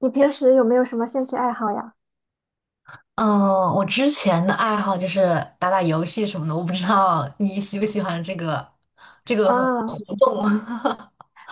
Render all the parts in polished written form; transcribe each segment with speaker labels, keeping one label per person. Speaker 1: 你平时有没有什么兴趣爱好呀？
Speaker 2: 嗯，我之前的爱好就是打打游戏什么的，我不知道你喜不喜欢这个活
Speaker 1: 啊，
Speaker 2: 动。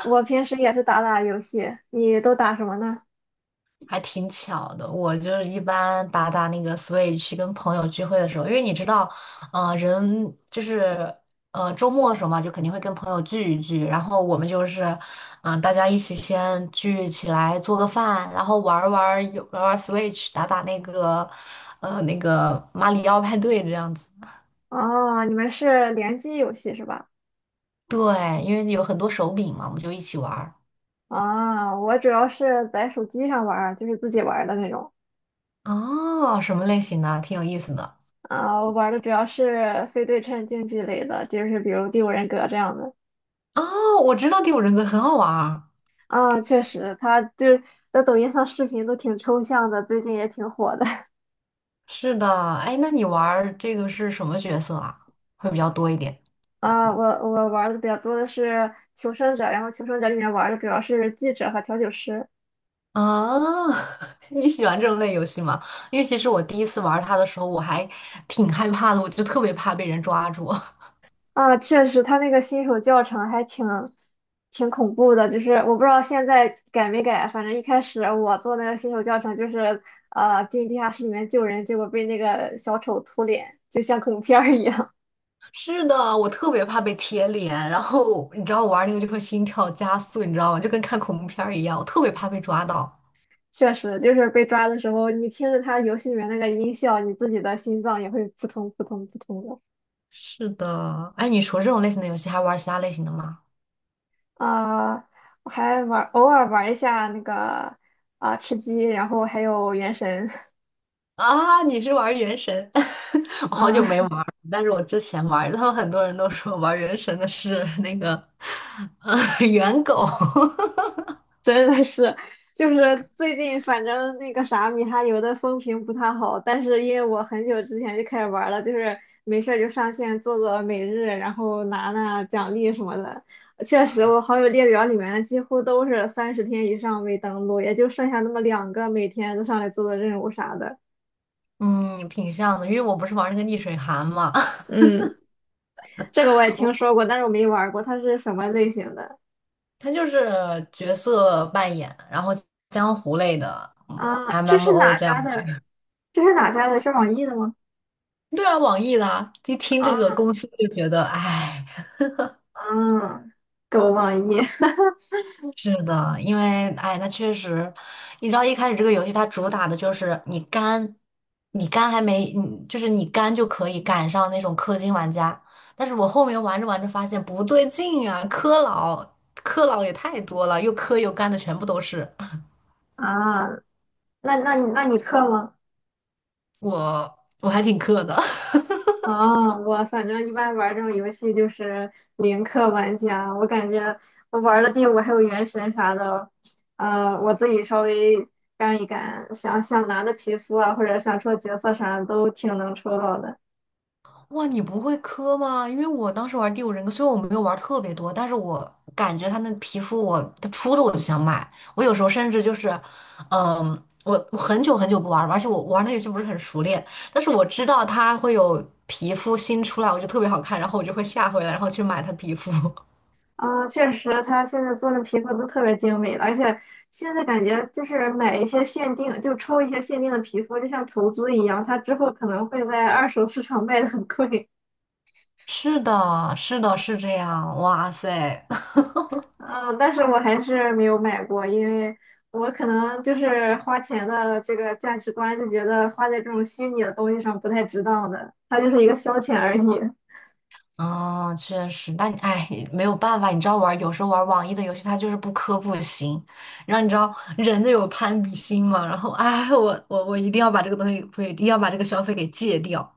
Speaker 1: 我平时也是打打游戏，你都打什么呢？
Speaker 2: 还挺巧的。我就是一般打打那个 Switch，跟朋友聚会的时候，因为你知道，人就是周末的时候嘛，就肯定会跟朋友聚一聚，然后我们就是大家一起先聚起来做个饭，然后玩儿玩儿 Switch，打打那个马里奥派对这样子。
Speaker 1: 哦，你们是联机游戏是吧？
Speaker 2: 对，因为有很多手柄嘛，我们就一起玩儿。
Speaker 1: 啊，我主要是在手机上玩儿，就是自己玩儿的那种。
Speaker 2: 哦，什么类型的？挺有意思的。
Speaker 1: 啊，我玩儿的主要是非对称竞技类的，就是比如《第五人格》这样的。
Speaker 2: 哦，我知道第五人格很好玩儿。
Speaker 1: 啊，确实，他就是在抖音上视频都挺抽象的，最近也挺火的。
Speaker 2: 是的，哎，那你玩儿这个是什么角色啊？会比较多一点
Speaker 1: 啊，我玩儿的比较多的是《求生者》，然后《求生者》里面玩儿的主要是记者和调酒师。
Speaker 2: 啊？你喜欢这种类游戏吗？因为其实我第一次玩它的时候，我还挺害怕的，我就特别怕被人抓住。
Speaker 1: 啊，确实，他那个新手教程还挺恐怖的，就是我不知道现在改没改，反正一开始我做那个新手教程就是进地下室里面救人，结果被那个小丑秃脸，就像恐怖片儿一样。
Speaker 2: 是的，我特别怕被贴脸，然后你知道我玩那个就会心跳加速，你知道吗？就跟看恐怖片儿一样，我特别怕被抓到。
Speaker 1: 确实，就是被抓的时候，你听着他游戏里面那个音效，你自己的心脏也会扑通扑通扑通的。
Speaker 2: 是的，哎，你除了这种类型的游戏，还玩其他类型的吗？
Speaker 1: 啊、我偶尔玩一下那个吃鸡，然后还有原神。
Speaker 2: 啊，你是玩原神？我好久没
Speaker 1: 嗯。
Speaker 2: 玩儿但是我之前玩儿，他们很多人都说玩原神的是 那个，呃，猿狗。
Speaker 1: 真的是，就是最近反正那个啥米哈游的风评不太好，但是因为我很久之前就开始玩了，就是没事儿就上线做做每日，然后拿拿奖励什么的。确实，我好友列表里面几乎都是30天以上未登录，也就剩下那么两个每天都上来做做任务啥的。
Speaker 2: 嗯，挺像的，因为我不是玩那个逆水寒嘛。
Speaker 1: 嗯，这个我也听说过，但是我没玩过，它是什么类型的？
Speaker 2: 它就是角色扮演，然后江湖类的，嗯
Speaker 1: 啊，这是
Speaker 2: ，MMO
Speaker 1: 哪
Speaker 2: 这样
Speaker 1: 家
Speaker 2: 的。
Speaker 1: 的？这是哪家的？是网易的吗？
Speaker 2: 对啊，网易的啊一听这个
Speaker 1: 啊
Speaker 2: 公司就觉得，哎。
Speaker 1: 啊，狗网易。
Speaker 2: 是的，因为哎，那确实，你知道一开始这个游戏它主打的就是你肝，你肝还没，你就是你肝就可以赶上那种氪金玩家，但是我后面玩着玩着发现不对劲啊，氪佬也太多了，又氪又肝的全部都是。
Speaker 1: 啊，那你氪吗？
Speaker 2: 我我还挺氪的。
Speaker 1: 啊，我反正一般玩这种游戏就是零氪玩家，我感觉我玩的第五还有原神啥的，我自己稍微干一干，想想拿的皮肤啊，或者想抽角色啥的都挺能抽到的。
Speaker 2: 哇，你不会磕吗？因为我当时玩第五人格，虽然我没有玩特别多，但是我感觉它那皮肤我，它出的我就想买。我有时候甚至就是，嗯，我很久很久不玩了，而且我玩那游戏不是很熟练，但是我知道它会有皮肤新出来，我就特别好看，然后我就会下回来，然后去买它皮肤。
Speaker 1: 啊，确实，他现在做的皮肤都特别精美了，而且现在感觉就是买一些限定，就抽一些限定的皮肤，就像投资一样，他之后可能会在二手市场卖的很贵。
Speaker 2: 是的，是的，是这样。哇塞！
Speaker 1: 嗯，但是我还是没有买过，因为我可能就是花钱的这个价值观就觉得花在这种虚拟的东西上不太值当的，它就是一个消遣而已。
Speaker 2: 哦，确实，但你哎，没有办法，你知道玩，有时候玩网易的游戏，它就是不氪不行。然后你知道人就有攀比心嘛，然后哎，我一定要把这个东西，不是一定要把这个消费给戒掉，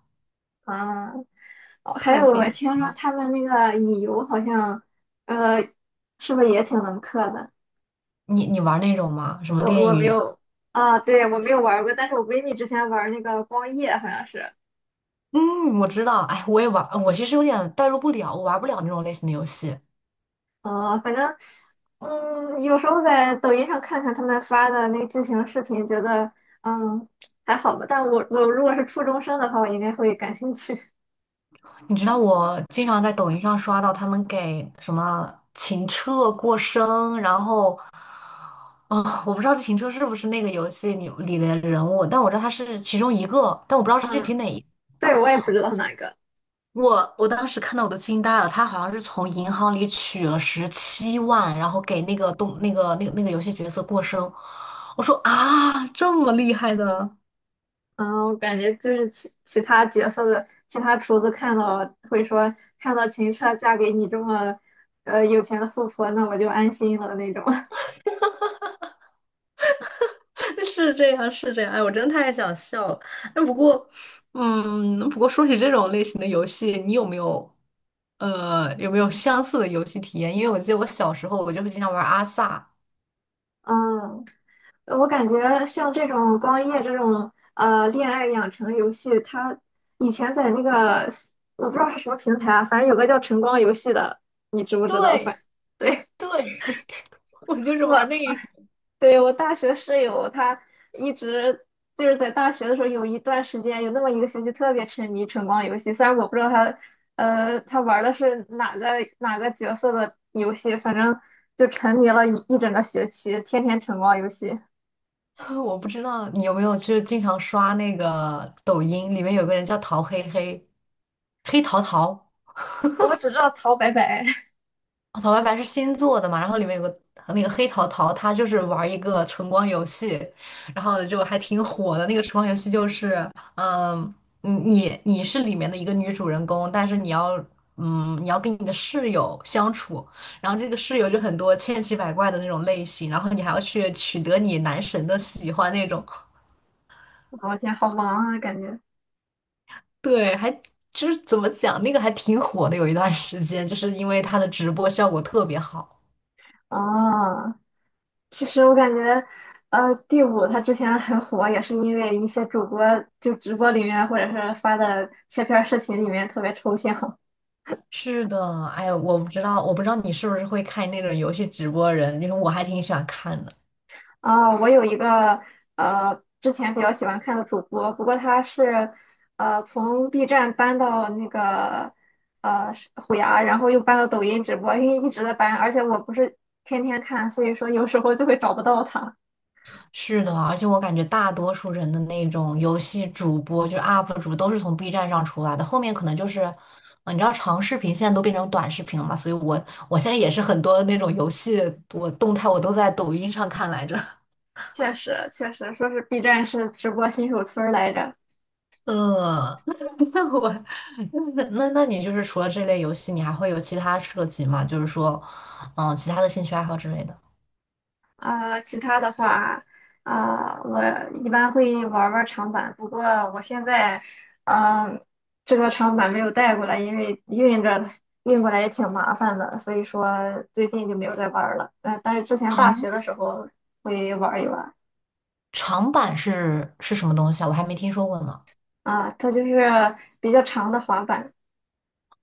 Speaker 1: 啊，哦，还有
Speaker 2: 太费
Speaker 1: 我
Speaker 2: 劲。
Speaker 1: 听说他们那个乙游好像，呃，是不是也挺能氪的？
Speaker 2: 你你玩那种吗？什么
Speaker 1: 我
Speaker 2: 恋
Speaker 1: 我没
Speaker 2: 与？
Speaker 1: 有。啊，对，我没有玩儿过，但是我闺蜜之前玩儿那个光夜好像是。
Speaker 2: 嗯，我知道，哎，我也玩，我其实有点代入不了，我玩不了那种类型的游戏。
Speaker 1: 啊，反正，有时候在抖音上看看他们发的那剧情视频，觉得嗯，还好吧。但我如果是初中生的话，我应该会感兴趣。
Speaker 2: 你知道我经常在抖音上刷到他们给什么情车过生，然后我不知道这停车是不是那个游戏里的人物，但我知道他是其中一个，但我不知道是具体
Speaker 1: 嗯。
Speaker 2: 哪一个。
Speaker 1: 对，我也不知道哪个。
Speaker 2: 我当时看到我都惊呆了，他好像是从银行里取了17万，然后给那个动那个那个那个游戏角色过生。我说啊，这么厉害的。
Speaker 1: 嗯，我感觉就是其他角色的其他厨子看到会说，看到秦彻嫁给你这么有钱的富婆，那我就安心了那种。
Speaker 2: 是这样，是这样。哎，我真的太想笑了。哎，不过，嗯，不过说起这种类型的游戏，你有没有，有没有相似的游戏体验？因为我记得我小时候，我就会经常玩阿萨。
Speaker 1: 嗯。我感觉像这种光夜这种恋爱养成游戏，它以前在那个我不知道是什么平台啊，反正有个叫晨光游戏的，你知不知道？
Speaker 2: 对，
Speaker 1: 对。
Speaker 2: 对，我 就是玩
Speaker 1: 我
Speaker 2: 那一种。
Speaker 1: 对我大学室友，她一直就是在大学的时候有一段时间，有那么一个学期特别沉迷晨光游戏，虽然我不知道他玩的是哪个角色的游戏，反正就沉迷了一整个学期，天天晨光游戏。
Speaker 2: 我不知道你有没有，就是经常刷那个抖音，里面有个人叫陶黑黑，黑桃桃。
Speaker 1: 我只知道陶白白。
Speaker 2: 哦草白白是新做的嘛，然后里面有个那个黑桃桃，他就是玩一个橙光游戏，然后就还挺火的。那个橙光游戏就是，嗯，你是里面的一个女主人公，但是你要，嗯，你要跟你的室友相处，然后这个室友就很多千奇百怪的那种类型，然后你还要去取得你男神的喜欢那种。
Speaker 1: 我天，好忙啊，感觉。
Speaker 2: 对，还就是怎么讲，那个还挺火的，有一段时间，就是因为它的直播效果特别好。
Speaker 1: 啊，其实我感觉，第五他之前很火，也是因为一些主播就直播里面，或者是发的切片儿视频里面特别抽象。
Speaker 2: 是的，哎呀，我不知道，我不知道你是不是会看那种游戏直播人，因为我还挺喜欢看的。
Speaker 1: 啊、我有一个之前比较喜欢看的主播，不过他是从 B 站搬到那个是虎牙，然后又搬到抖音直播，因为一直在搬，而且我不是天天看，所以说有时候就会找不到他。
Speaker 2: 是的，而且我感觉大多数人的那种游戏主播，就是 UP 主，都是从 B 站上出来的。后面可能就是，你知道长视频现在都变成短视频了嘛，所以我我现在也是很多那种游戏，我动态我都在抖音上看来着。
Speaker 1: 确实，确实说是 B 站是直播新手村儿来着。
Speaker 2: 嗯，那我那那那你就是除了这类游戏，你还会有其他涉及吗？就是说，嗯，其他的兴趣爱好之类的。
Speaker 1: 啊。其他的话，啊，我一般会玩儿玩儿长板，不过我现在呃，这个长板没有带过来，因为运过来也挺麻烦的，所以说最近就没有再玩儿了。但是之前大学的时候会玩儿一玩儿。
Speaker 2: 长板是什么东西啊？我还没听说过呢。
Speaker 1: 啊，它就是比较长的滑板。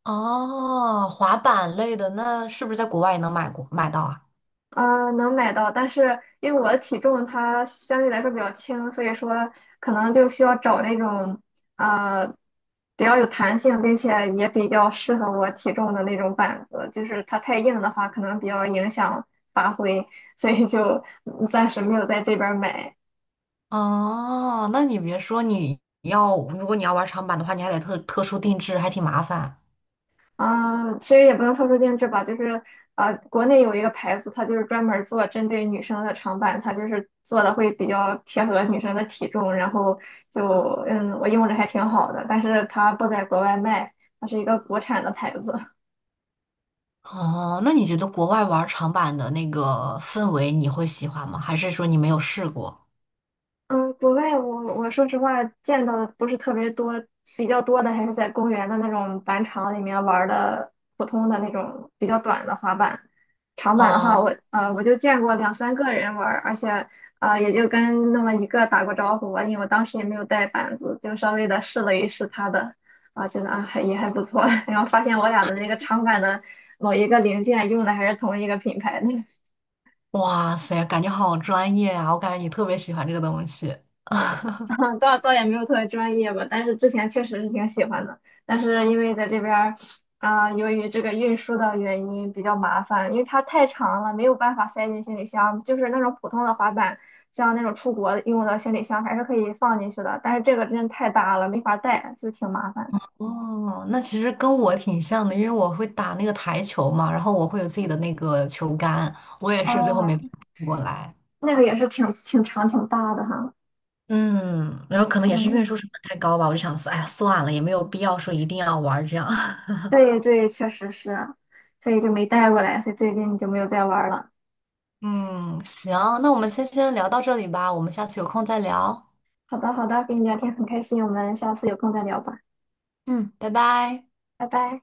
Speaker 2: 哦，滑板类的，那是不是在国外也能买过买到啊？
Speaker 1: 能买到，但是因为我的体重它相对来说比较轻，所以说可能就需要找那种呃比较有弹性，并且也比较适合我体重的那种板子。就是它太硬的话，可能比较影响发挥，所以就暂时没有在这边儿买。
Speaker 2: 哦，那你别说，你要如果你要玩长板的话，你还得特殊定制，还挺麻烦。
Speaker 1: 嗯，其实也不用特殊定制吧，就是国内有一个牌子，它就是专门儿做针对女生的长板，它就是做的会比较贴合女生的体重，然后就我用着还挺好的，但是它不在国外卖，它是一个国产的牌子。
Speaker 2: 哦，那你觉得国外玩长板的那个氛围你会喜欢吗？还是说你没有试过？
Speaker 1: 嗯，国外我说实话见到的不是特别多，比较多的还是在公园的那种板场里面玩儿的普通的那种比较短的滑板。长板的话
Speaker 2: 啊，
Speaker 1: 我就见过两三个人玩儿，而且也就跟那么一个打过招呼吧，因为我当时也没有带板子，就稍微的试了一试他的，觉得还也还不错。然后发现我俩的那个长板的某一个零件用的还是同一个品牌的。
Speaker 2: 哇塞，感觉好专业啊！我感觉你特别喜欢这个东西。
Speaker 1: 倒也没有特别专业吧，但是之前确实是挺喜欢的，但是因为在这边儿由于这个运输的原因比较麻烦，因为它太长了，没有办法塞进行李箱，就是那种普通的滑板，像那种出国用的行李箱还是可以放进去的，但是这个真的太大了，没法带，就挺麻烦。
Speaker 2: 哦，那其实跟我挺像的，因为我会打那个台球嘛，然后我会有自己的那个球杆，我也是最后没
Speaker 1: 哦，
Speaker 2: 搬过来。
Speaker 1: 那个也是挺长挺大的哈。
Speaker 2: 嗯，然后可能也是
Speaker 1: 嗯，
Speaker 2: 运输成本太高吧，我就想说，哎呀，算了，也没有必要说一定要玩儿这样。
Speaker 1: 对对，确实是，所以就没带过来，所以最近就没有再玩儿了。
Speaker 2: 嗯，行，那我们先聊到这里吧，我们下次有空再聊。
Speaker 1: 好的好的，跟你聊天很开心，我们下次有空再聊吧。
Speaker 2: 嗯，拜拜。
Speaker 1: 拜拜。